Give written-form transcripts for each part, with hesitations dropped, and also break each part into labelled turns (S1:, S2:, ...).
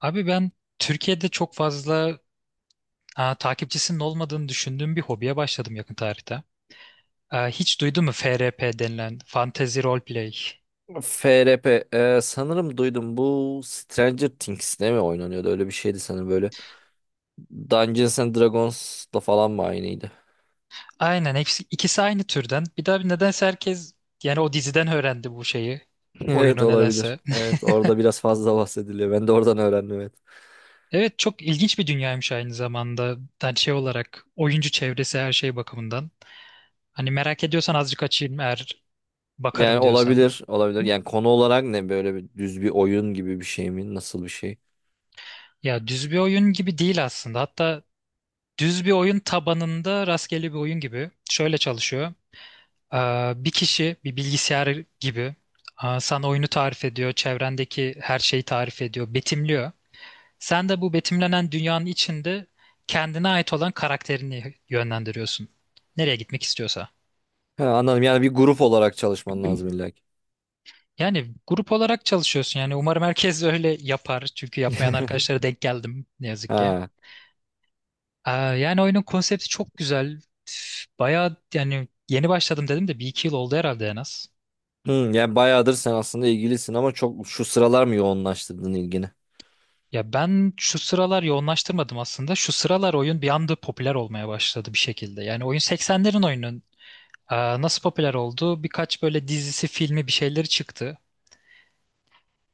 S1: Abi ben Türkiye'de çok fazla takipçisinin olmadığını düşündüğüm bir hobiye başladım yakın tarihte. Hiç duydun mu FRP denilen Fantasy Role Play?
S2: FRP sanırım duydum bu Stranger Things'te mi oynanıyordu, öyle bir şeydi sanırım, böyle Dungeons and Dragons'la falan mı aynıydı?
S1: Aynen, hepsi ikisi aynı türden. Bir daha, bir nedense herkes yani o diziden öğrendi bu şeyi.
S2: Evet,
S1: Oyunu
S2: olabilir.
S1: nedense.
S2: Evet, orada biraz fazla bahsediliyor. Ben de oradan öğrendim, evet.
S1: Evet, çok ilginç bir dünyaymış aynı zamanda. Yani şey olarak oyuncu çevresi, her şey bakımından. Hani merak ediyorsan azıcık açayım, eğer
S2: Yani
S1: bakarım diyorsan.
S2: olabilir olabilir. Yani konu olarak ne, böyle bir düz bir oyun gibi bir şey mi? Nasıl bir şey?
S1: Ya düz bir oyun gibi değil aslında. Hatta düz bir oyun tabanında rastgele bir oyun gibi. Şöyle çalışıyor. Bir kişi bir bilgisayar gibi sana oyunu tarif ediyor, çevrendeki her şeyi tarif ediyor, betimliyor. Sen de bu betimlenen dünyanın içinde kendine ait olan karakterini yönlendiriyorsun. Nereye gitmek istiyorsa.
S2: Ha, anladım, yani bir grup olarak çalışman lazım illa ki.
S1: Yani grup olarak çalışıyorsun. Yani umarım herkes öyle yapar. Çünkü yapmayan arkadaşlara denk geldim ne yazık ki.
S2: Ha.
S1: Yani oyunun konsepti çok güzel. Bayağı, yani yeni başladım dedim de bir iki yıl oldu herhalde en az.
S2: Hı, yani bayağıdır sen aslında ilgilisin ama çok şu sıralar mı yoğunlaştırdın ilgini?
S1: Ya ben şu sıralar yoğunlaştırmadım aslında. Şu sıralar oyun bir anda popüler olmaya başladı bir şekilde. Yani oyun 80'lerin oyunun e, nasıl popüler oldu? Birkaç böyle dizisi, filmi, bir şeyleri çıktı.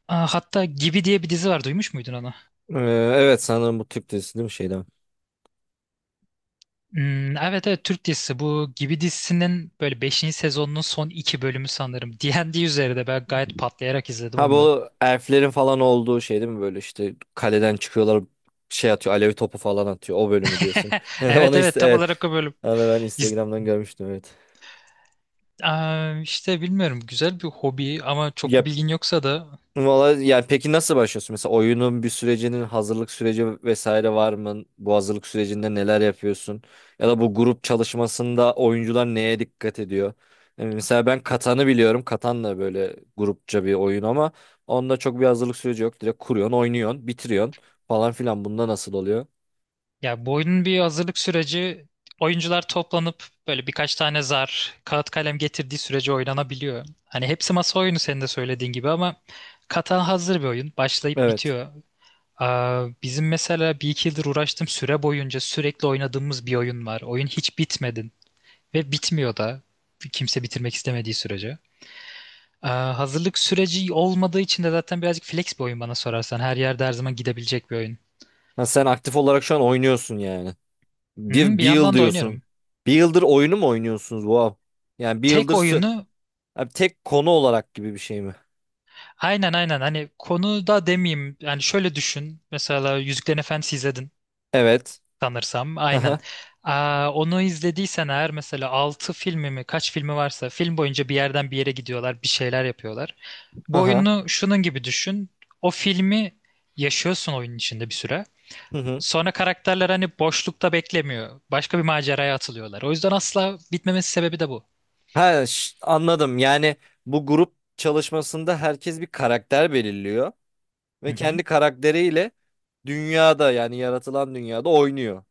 S1: Hatta Gibi diye bir dizi var. Duymuş muydun onu?
S2: Ee, evet, sanırım bu Türk dizisi değil mi şeyden?
S1: Hmm, evet, evet, Türk dizisi. Bu Gibi dizisinin böyle beşinci sezonunun son 2 bölümü sanırım. D&D üzerinde ben gayet patlayarak izledim
S2: Ha,
S1: onu da.
S2: bu elflerin falan olduğu şey değil mi, böyle işte kaleden çıkıyorlar, şey atıyor, alev topu falan atıyor o bölümü diyorsun. Onu
S1: Evet, evet,
S2: iste,
S1: tam
S2: evet,
S1: olarak o bölüm.
S2: onu da ben
S1: İz-
S2: Instagram'dan görmüştüm, evet.
S1: İşte bilmiyorum, güzel bir hobi ama çok
S2: Ya,
S1: bir bilgin yoksa da.
S2: valla yani, peki nasıl başlıyorsun? Mesela oyunun bir sürecinin hazırlık süreci vesaire var mı? Bu hazırlık sürecinde neler yapıyorsun? Ya da bu grup çalışmasında oyuncular neye dikkat ediyor? Yani mesela ben Katan'ı biliyorum. Katan da böyle grupça bir oyun ama onda çok bir hazırlık süreci yok. Direkt kuruyorsun, oynuyorsun, bitiriyorsun falan filan. Bunda nasıl oluyor?
S1: Ya bu oyunun bir hazırlık süreci, oyuncular toplanıp böyle birkaç tane zar, kağıt, kalem getirdiği sürece oynanabiliyor. Hani hepsi masa oyunu senin de söylediğin gibi, ama katan hazır bir oyun. Başlayıp
S2: Evet.
S1: bitiyor. Bizim mesela bir iki yıldır uğraştığım süre boyunca sürekli oynadığımız bir oyun var. Oyun hiç bitmedi ve bitmiyor da, kimse bitirmek istemediği sürece. Hazırlık süreci olmadığı için de zaten birazcık flex bir oyun bana sorarsan. Her yerde her zaman gidebilecek bir oyun.
S2: Ha, sen aktif olarak şu an oynuyorsun yani.
S1: Hı,
S2: Bir,
S1: bir
S2: bir yıl
S1: yandan da
S2: diyorsun.
S1: oynuyorum.
S2: Bir yıldır oyunu mu oynuyorsunuz? Wow. Yani bir
S1: Tek
S2: yıldır.
S1: oyunu.
S2: Abi, tek konu olarak gibi bir şey mi?
S1: Aynen, aynen, hani konuda demeyeyim, yani şöyle düşün: mesela Yüzüklerin Efendisi izledin
S2: Evet.
S1: sanırsam. Aynen.
S2: Haha.
S1: Onu izlediysen eğer, mesela 6 filmi mi kaç filmi varsa, film boyunca bir yerden bir yere gidiyorlar, bir şeyler yapıyorlar. Bu
S2: Haha.
S1: oyunu şunun gibi düşün: o filmi yaşıyorsun oyunun içinde bir süre,
S2: Hı hı. Hı hı.
S1: sonra karakterler hani boşlukta beklemiyor, başka bir maceraya atılıyorlar. O yüzden asla bitmemesi sebebi de bu.
S2: Ha, anladım. Yani bu grup çalışmasında herkes bir karakter belirliyor
S1: Hı
S2: ve
S1: hı.
S2: kendi karakteriyle dünyada, yani yaratılan dünyada oynuyor.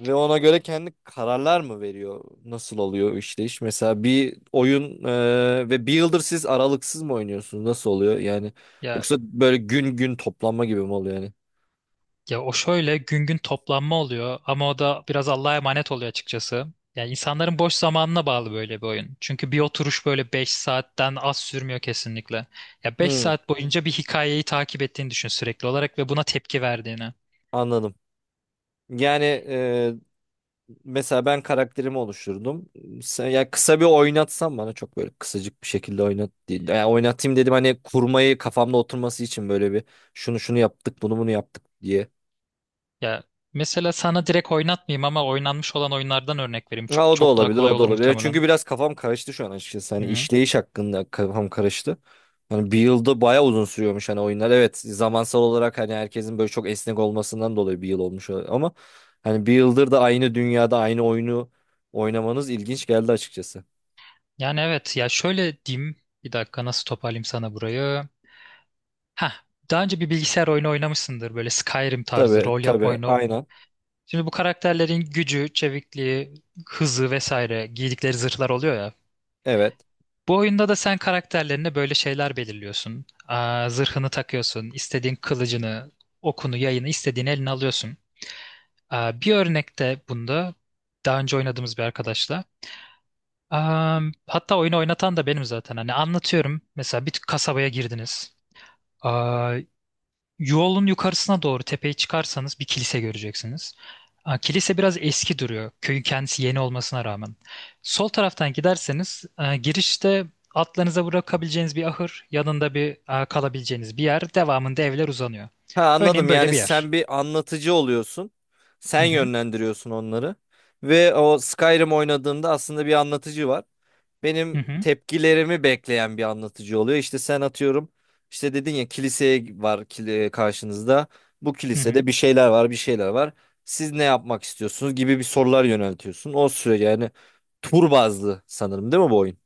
S2: Ve ona göre kendi kararlar mı veriyor? Nasıl oluyor işte iş? Mesela bir oyun, ve bir yıldır siz aralıksız mı oynuyorsunuz? Nasıl oluyor? Yani
S1: Ya
S2: yoksa böyle gün gün toplanma gibi mi oluyor yani?
S1: Ya o şöyle gün gün toplanma oluyor, ama o da biraz Allah'a emanet oluyor açıkçası. Yani insanların boş zamanına bağlı böyle bir oyun. Çünkü bir oturuş böyle 5 saatten az sürmüyor kesinlikle. Ya beş
S2: Hı,
S1: saat boyunca bir hikayeyi takip ettiğini düşün sürekli olarak ve buna tepki verdiğini.
S2: anladım. Yani, mesela ben karakterimi oluşturdum. Ya kısa bir oynatsam bana, çok böyle kısacık bir şekilde oynat değil. Yani oynatayım dedim, hani kurmayı kafamda oturması için, böyle bir şunu şunu yaptık, bunu bunu yaptık diye.
S1: Ya mesela sana direkt oynatmayayım, ama oynanmış olan oyunlardan örnek vereyim. Çok
S2: Ha, o da
S1: çok daha
S2: olabilir,
S1: kolay
S2: o da
S1: olur
S2: olabilir. Çünkü
S1: muhtemelen.
S2: biraz kafam karıştı şu an açıkçası. Hani
S1: Hı-hı.
S2: işleyiş hakkında kafam karıştı. Hani bir yılda bayağı uzun sürüyormuş hani oyunlar. Evet, zamansal olarak hani herkesin böyle çok esnek olmasından dolayı bir yıl olmuş olabilir, ama hani bir yıldır da aynı dünyada aynı oyunu oynamanız ilginç geldi açıkçası.
S1: Yani evet, ya şöyle diyeyim. Bir dakika, nasıl toparlayayım sana burayı? Heh, daha önce bir bilgisayar oyunu oynamışsındır böyle Skyrim tarzı
S2: Tabii
S1: rol yapma
S2: tabii,
S1: oyunu.
S2: aynen.
S1: Şimdi bu karakterlerin gücü, çevikliği, hızı vesaire, giydikleri zırhlar oluyor ya.
S2: Evet.
S1: Bu oyunda da sen karakterlerine böyle şeyler belirliyorsun. Zırhını takıyorsun, istediğin kılıcını, okunu, yayını istediğin eline alıyorsun. Bir örnekte bunda, daha önce oynadığımız bir arkadaşla. Aa, Hatta oyunu oynatan da benim zaten. Hani anlatıyorum. Mesela bir kasabaya girdiniz. Aa, Yolun yukarısına doğru tepeye çıkarsanız bir kilise göreceksiniz. Kilise biraz eski duruyor. Köyün kendisi yeni olmasına rağmen. Sol taraftan giderseniz girişte atlarınıza bırakabileceğiniz bir ahır, yanında bir kalabileceğiniz bir yer, devamında evler uzanıyor.
S2: Ha, anladım.
S1: Örneğin böyle
S2: Yani
S1: bir
S2: sen
S1: yer.
S2: bir anlatıcı oluyorsun.
S1: Hı
S2: Sen
S1: hı,
S2: yönlendiriyorsun onları. Ve o Skyrim oynadığında aslında bir anlatıcı var.
S1: hı
S2: Benim
S1: hı,
S2: tepkilerimi bekleyen bir anlatıcı oluyor. İşte sen atıyorum, işte dedin ya, kiliseye var karşınızda. Bu
S1: hı hı.
S2: kilisede bir şeyler var, bir şeyler var. Siz ne yapmak istiyorsunuz gibi bir sorular yöneltiyorsun. O sürece, yani tur bazlı sanırım değil mi bu oyun?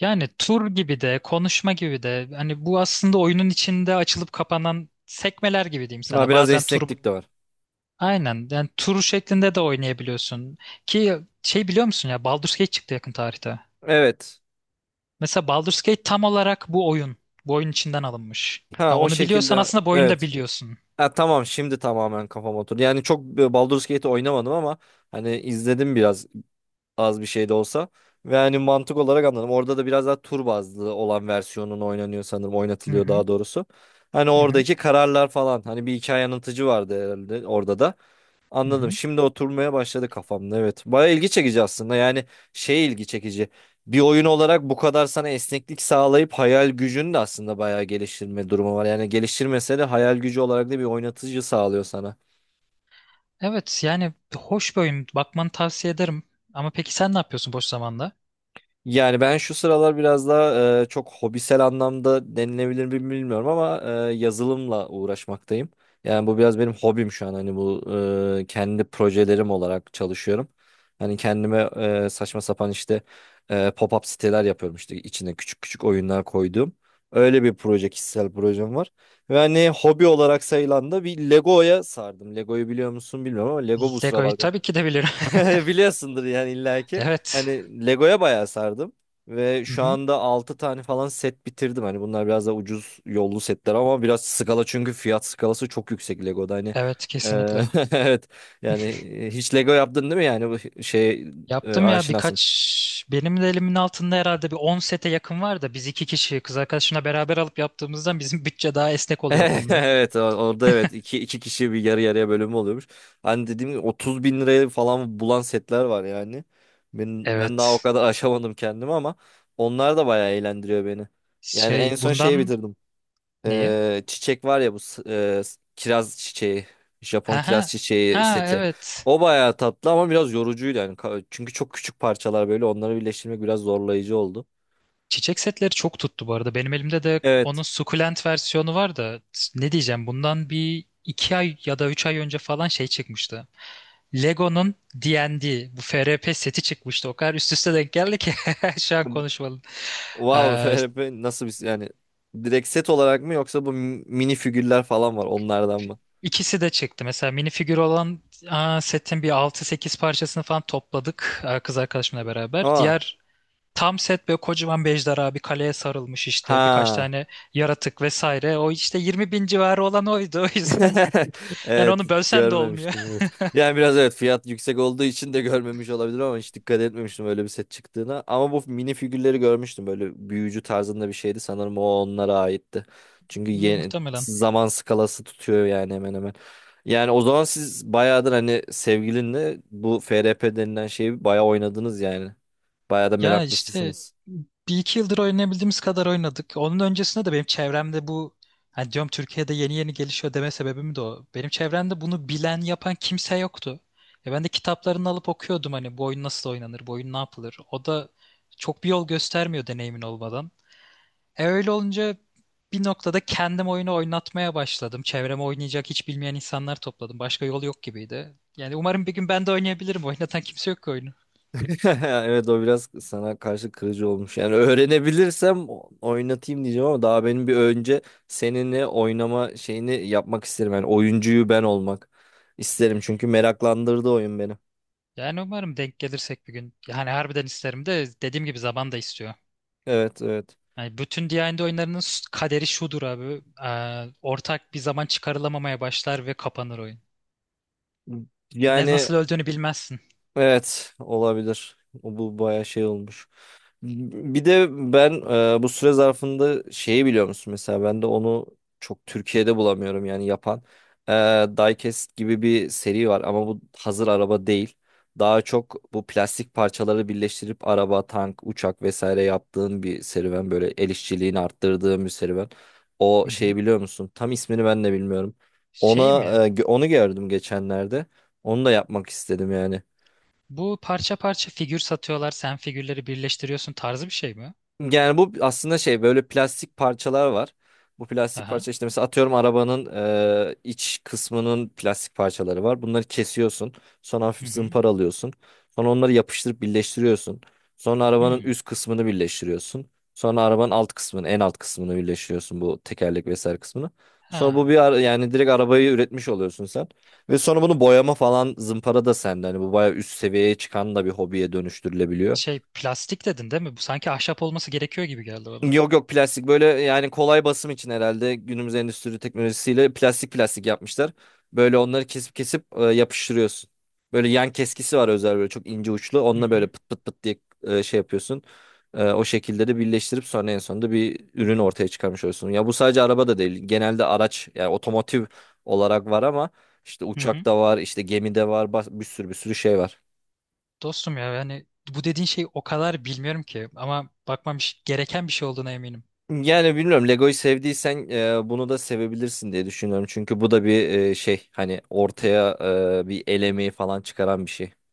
S1: Yani tur gibi de, konuşma gibi de, hani bu aslında oyunun içinde açılıp kapanan sekmeler gibi diyeyim
S2: Ha,
S1: sana.
S2: biraz
S1: Bazen tur.
S2: esneklik de var.
S1: Aynen. Yani tur şeklinde de oynayabiliyorsun. Ki şey, biliyor musun ya, Baldur's Gate çıktı yakın tarihte.
S2: Evet.
S1: Mesela Baldur's Gate tam olarak bu oyun. Bu oyun içinden alınmış.
S2: Ha,
S1: Ya
S2: o
S1: onu biliyorsan
S2: şekilde.
S1: aslında bu oyunu da
S2: Evet.
S1: biliyorsun.
S2: Ha, tamam, şimdi tamamen kafam oturdu. Yani çok Baldur's Gate oynamadım ama hani izledim biraz, az bir şey de olsa. Ve hani mantık olarak anladım. Orada da biraz daha tur bazlı olan versiyonun oynanıyor sanırım.
S1: Hı
S2: Oynatılıyor
S1: hı.
S2: daha doğrusu. Hani
S1: Hı hı.
S2: oradaki kararlar falan. Hani bir hikaye anlatıcı vardı herhalde orada da.
S1: Hı
S2: Anladım.
S1: hı.
S2: Şimdi oturmaya başladı kafamda. Evet. Baya ilgi çekici aslında. Yani şey, ilgi çekici. Bir oyun olarak bu kadar sana esneklik sağlayıp hayal gücünü de aslında bayağı geliştirme durumu var. Yani geliştirmese de hayal gücü olarak da bir oynatıcı sağlıyor sana.
S1: Evet, yani hoş bir oyun. Bakmanı tavsiye ederim. Ama peki sen ne yapıyorsun boş zamanda?
S2: Yani ben şu sıralar biraz daha çok hobisel anlamda denilebilir mi bilmiyorum ama yazılımla uğraşmaktayım. Yani bu biraz benim hobim şu an. Hani bu kendi projelerim olarak çalışıyorum. Hani kendime saçma sapan, işte pop-up siteler yapıyorum, işte içine küçük küçük oyunlar koyduğum. Öyle bir proje, kişisel projem var. Ve hani hobi olarak sayılan da bir Lego'ya sardım. Lego'yu biliyor musun bilmiyorum ama Lego bu
S1: Lego'yu
S2: sıralar
S1: tabii ki de bilirim.
S2: biliyorsundur yani illaki.
S1: Evet.
S2: Hani Lego'ya bayağı sardım. Ve
S1: Hı
S2: şu
S1: hı.
S2: anda 6 tane falan set bitirdim. Hani bunlar biraz da ucuz yollu setler ama biraz skala, çünkü fiyat skalası çok yüksek Lego'da. Hani
S1: Evet,
S2: e,
S1: kesinlikle.
S2: evet yani, hiç Lego yaptın değil mi, yani bu şey,
S1: Yaptım ya,
S2: aşinasın.
S1: birkaç benim de elimin altında herhalde bir 10 sete yakın var da, biz iki kişi kız arkadaşımla beraber alıp yaptığımızdan bizim bütçe daha esnek oluyor o konuda.
S2: Evet, orada, evet, iki kişi bir yarı yarıya bölümü oluyormuş. Hani dediğim gibi 30 bin liraya falan bulan setler var yani. Ben daha o
S1: Evet.
S2: kadar aşamadım kendimi ama onlar da bayağı eğlendiriyor beni. Yani en
S1: Şey,
S2: son şeyi
S1: bundan
S2: bitirdim.
S1: neyi?
S2: Çiçek var ya, bu kiraz çiçeği. Japon
S1: Ha
S2: kiraz
S1: ha.
S2: çiçeği
S1: Ha,
S2: seti.
S1: evet.
S2: O bayağı tatlı ama biraz yorucuydu yani. Çünkü çok küçük parçalar, böyle onları birleştirmek biraz zorlayıcı oldu.
S1: Çiçek setleri çok tuttu bu arada. Benim elimde de onun
S2: Evet.
S1: sukulent versiyonu var da, ne diyeceğim, bundan bir iki ay ya da üç ay önce falan şey çıkmıştı. Lego'nun D&D, bu FRP seti çıkmıştı. O kadar üst üste denk geldi ki şu an konuşmadım.
S2: Wow, FRP nasıl bir yani, direkt set olarak mı, yoksa bu mini figürler falan var, onlardan mı?
S1: İkisi de çıktı. Mesela minifigür olan setin bir altı sekiz parçasını falan topladık, kız arkadaşımla beraber.
S2: Aa.
S1: Diğer tam set böyle kocaman bir ejderha, bir kaleye sarılmış işte, birkaç
S2: Ha.
S1: tane yaratık vesaire. O işte 20.000 civarı olan oydu, o yüzden. Yani
S2: Evet,
S1: onu bölsen de olmuyor.
S2: görmemiştim, evet. Yani biraz, evet, fiyat yüksek olduğu için de görmemiş olabilir ama hiç dikkat etmemiştim öyle bir set çıktığına. Ama bu mini figürleri görmüştüm, böyle büyücü tarzında bir şeydi sanırım, o onlara aitti. Çünkü yeni,
S1: Muhtemelen.
S2: zaman skalası tutuyor yani hemen hemen. Yani o zaman siz bayağıdır hani sevgilinle bu FRP denilen şeyi bayağı oynadınız yani. Bayağı da
S1: Ya işte,
S2: meraklısınız.
S1: bir iki yıldır oynayabildiğimiz kadar oynadık. Onun öncesinde de benim çevremde bu, hani diyorum, Türkiye'de yeni yeni gelişiyor deme sebebim de o. Benim çevremde bunu bilen, yapan kimse yoktu. Ya ben de kitaplarını alıp okuyordum, hani bu oyun nasıl oynanır, bu oyun ne yapılır. O da çok bir yol göstermiyor deneyimin olmadan. E öyle olunca bir noktada kendim oyunu oynatmaya başladım. Çevreme oynayacak, hiç bilmeyen insanlar topladım. Başka yol yok gibiydi. Yani umarım bir gün ben de oynayabilirim. Oynatan kimse yok ki oyunu.
S2: Evet, o biraz sana karşı kırıcı olmuş. Yani öğrenebilirsem oynatayım diyeceğim ama daha benim bir önce seninle oynama şeyini yapmak isterim. Yani oyuncuyu ben olmak isterim, çünkü meraklandırdı oyun beni.
S1: Yani umarım denk gelirsek bir gün. Yani harbiden isterim, de dediğim gibi, zaman da istiyor.
S2: Evet evet.
S1: Yani bütün D&D oyunlarının kaderi şudur abi. Ortak bir zaman çıkarılamamaya başlar ve kapanır oyun. Ne,
S2: Yani,
S1: nasıl öldüğünü bilmezsin.
S2: evet, olabilir. O bu bayağı şey olmuş. Bir de ben bu süre zarfında şeyi biliyor musun, mesela ben de onu çok Türkiye'de bulamıyorum yani yapan. E, Diecast gibi bir seri var ama bu hazır araba değil. Daha çok bu plastik parçaları birleştirip araba, tank, uçak vesaire yaptığın bir serüven. Böyle el işçiliğini arttırdığın bir serüven. O
S1: Hı
S2: şeyi
S1: hı.
S2: biliyor musun? Tam ismini ben de bilmiyorum. Ona
S1: Şey mi?
S2: onu gördüm geçenlerde. Onu da yapmak istedim yani.
S1: Bu parça parça figür satıyorlar. Sen figürleri birleştiriyorsun tarzı bir şey mi?
S2: Yani bu aslında şey, böyle plastik parçalar var. Bu plastik
S1: Aha.
S2: parça, işte mesela atıyorum, arabanın iç kısmının plastik parçaları var. Bunları kesiyorsun. Sonra
S1: Hı
S2: hafif
S1: hı.
S2: zımparalıyorsun. Sonra onları yapıştırıp birleştiriyorsun. Sonra arabanın
S1: Hmm.
S2: üst kısmını birleştiriyorsun. Sonra arabanın alt kısmını, en alt kısmını birleştiriyorsun, bu tekerlek vesaire kısmını. Sonra bu
S1: Ha.
S2: bir ara, yani direkt arabayı üretmiş oluyorsun sen. Ve sonra bunu boyama falan, zımpara da sende. Hani bu bayağı üst seviyeye çıkan da bir hobiye dönüştürülebiliyor.
S1: Şey, plastik dedin değil mi? Bu sanki ahşap olması gerekiyor gibi geldi bana.
S2: Yok yok, plastik, böyle yani kolay basım için herhalde günümüz endüstri teknolojisiyle plastik plastik yapmışlar. Böyle onları kesip kesip yapıştırıyorsun. Böyle yan keskisi var, özel böyle çok ince uçlu.
S1: Hı
S2: Onunla böyle
S1: hı.
S2: pıt pıt pıt diye şey yapıyorsun. O şekilde de birleştirip sonra en sonunda bir
S1: Hı
S2: ürün
S1: hı.
S2: ortaya çıkarmış oluyorsun. Ya bu sadece araba da değil. Genelde araç, yani otomotiv olarak var ama işte
S1: Hı
S2: uçak
S1: hı.
S2: da var, işte gemi de var, bir sürü bir sürü şey var.
S1: Dostum ya, yani bu dediğin şeyi o kadar bilmiyorum ki, ama bakmam gereken bir şey olduğuna eminim.
S2: Yani bilmiyorum, Lego'yu sevdiysen bunu da sevebilirsin diye düşünüyorum. Çünkü bu da bir şey, hani ortaya bir el emeği falan çıkaran bir şey.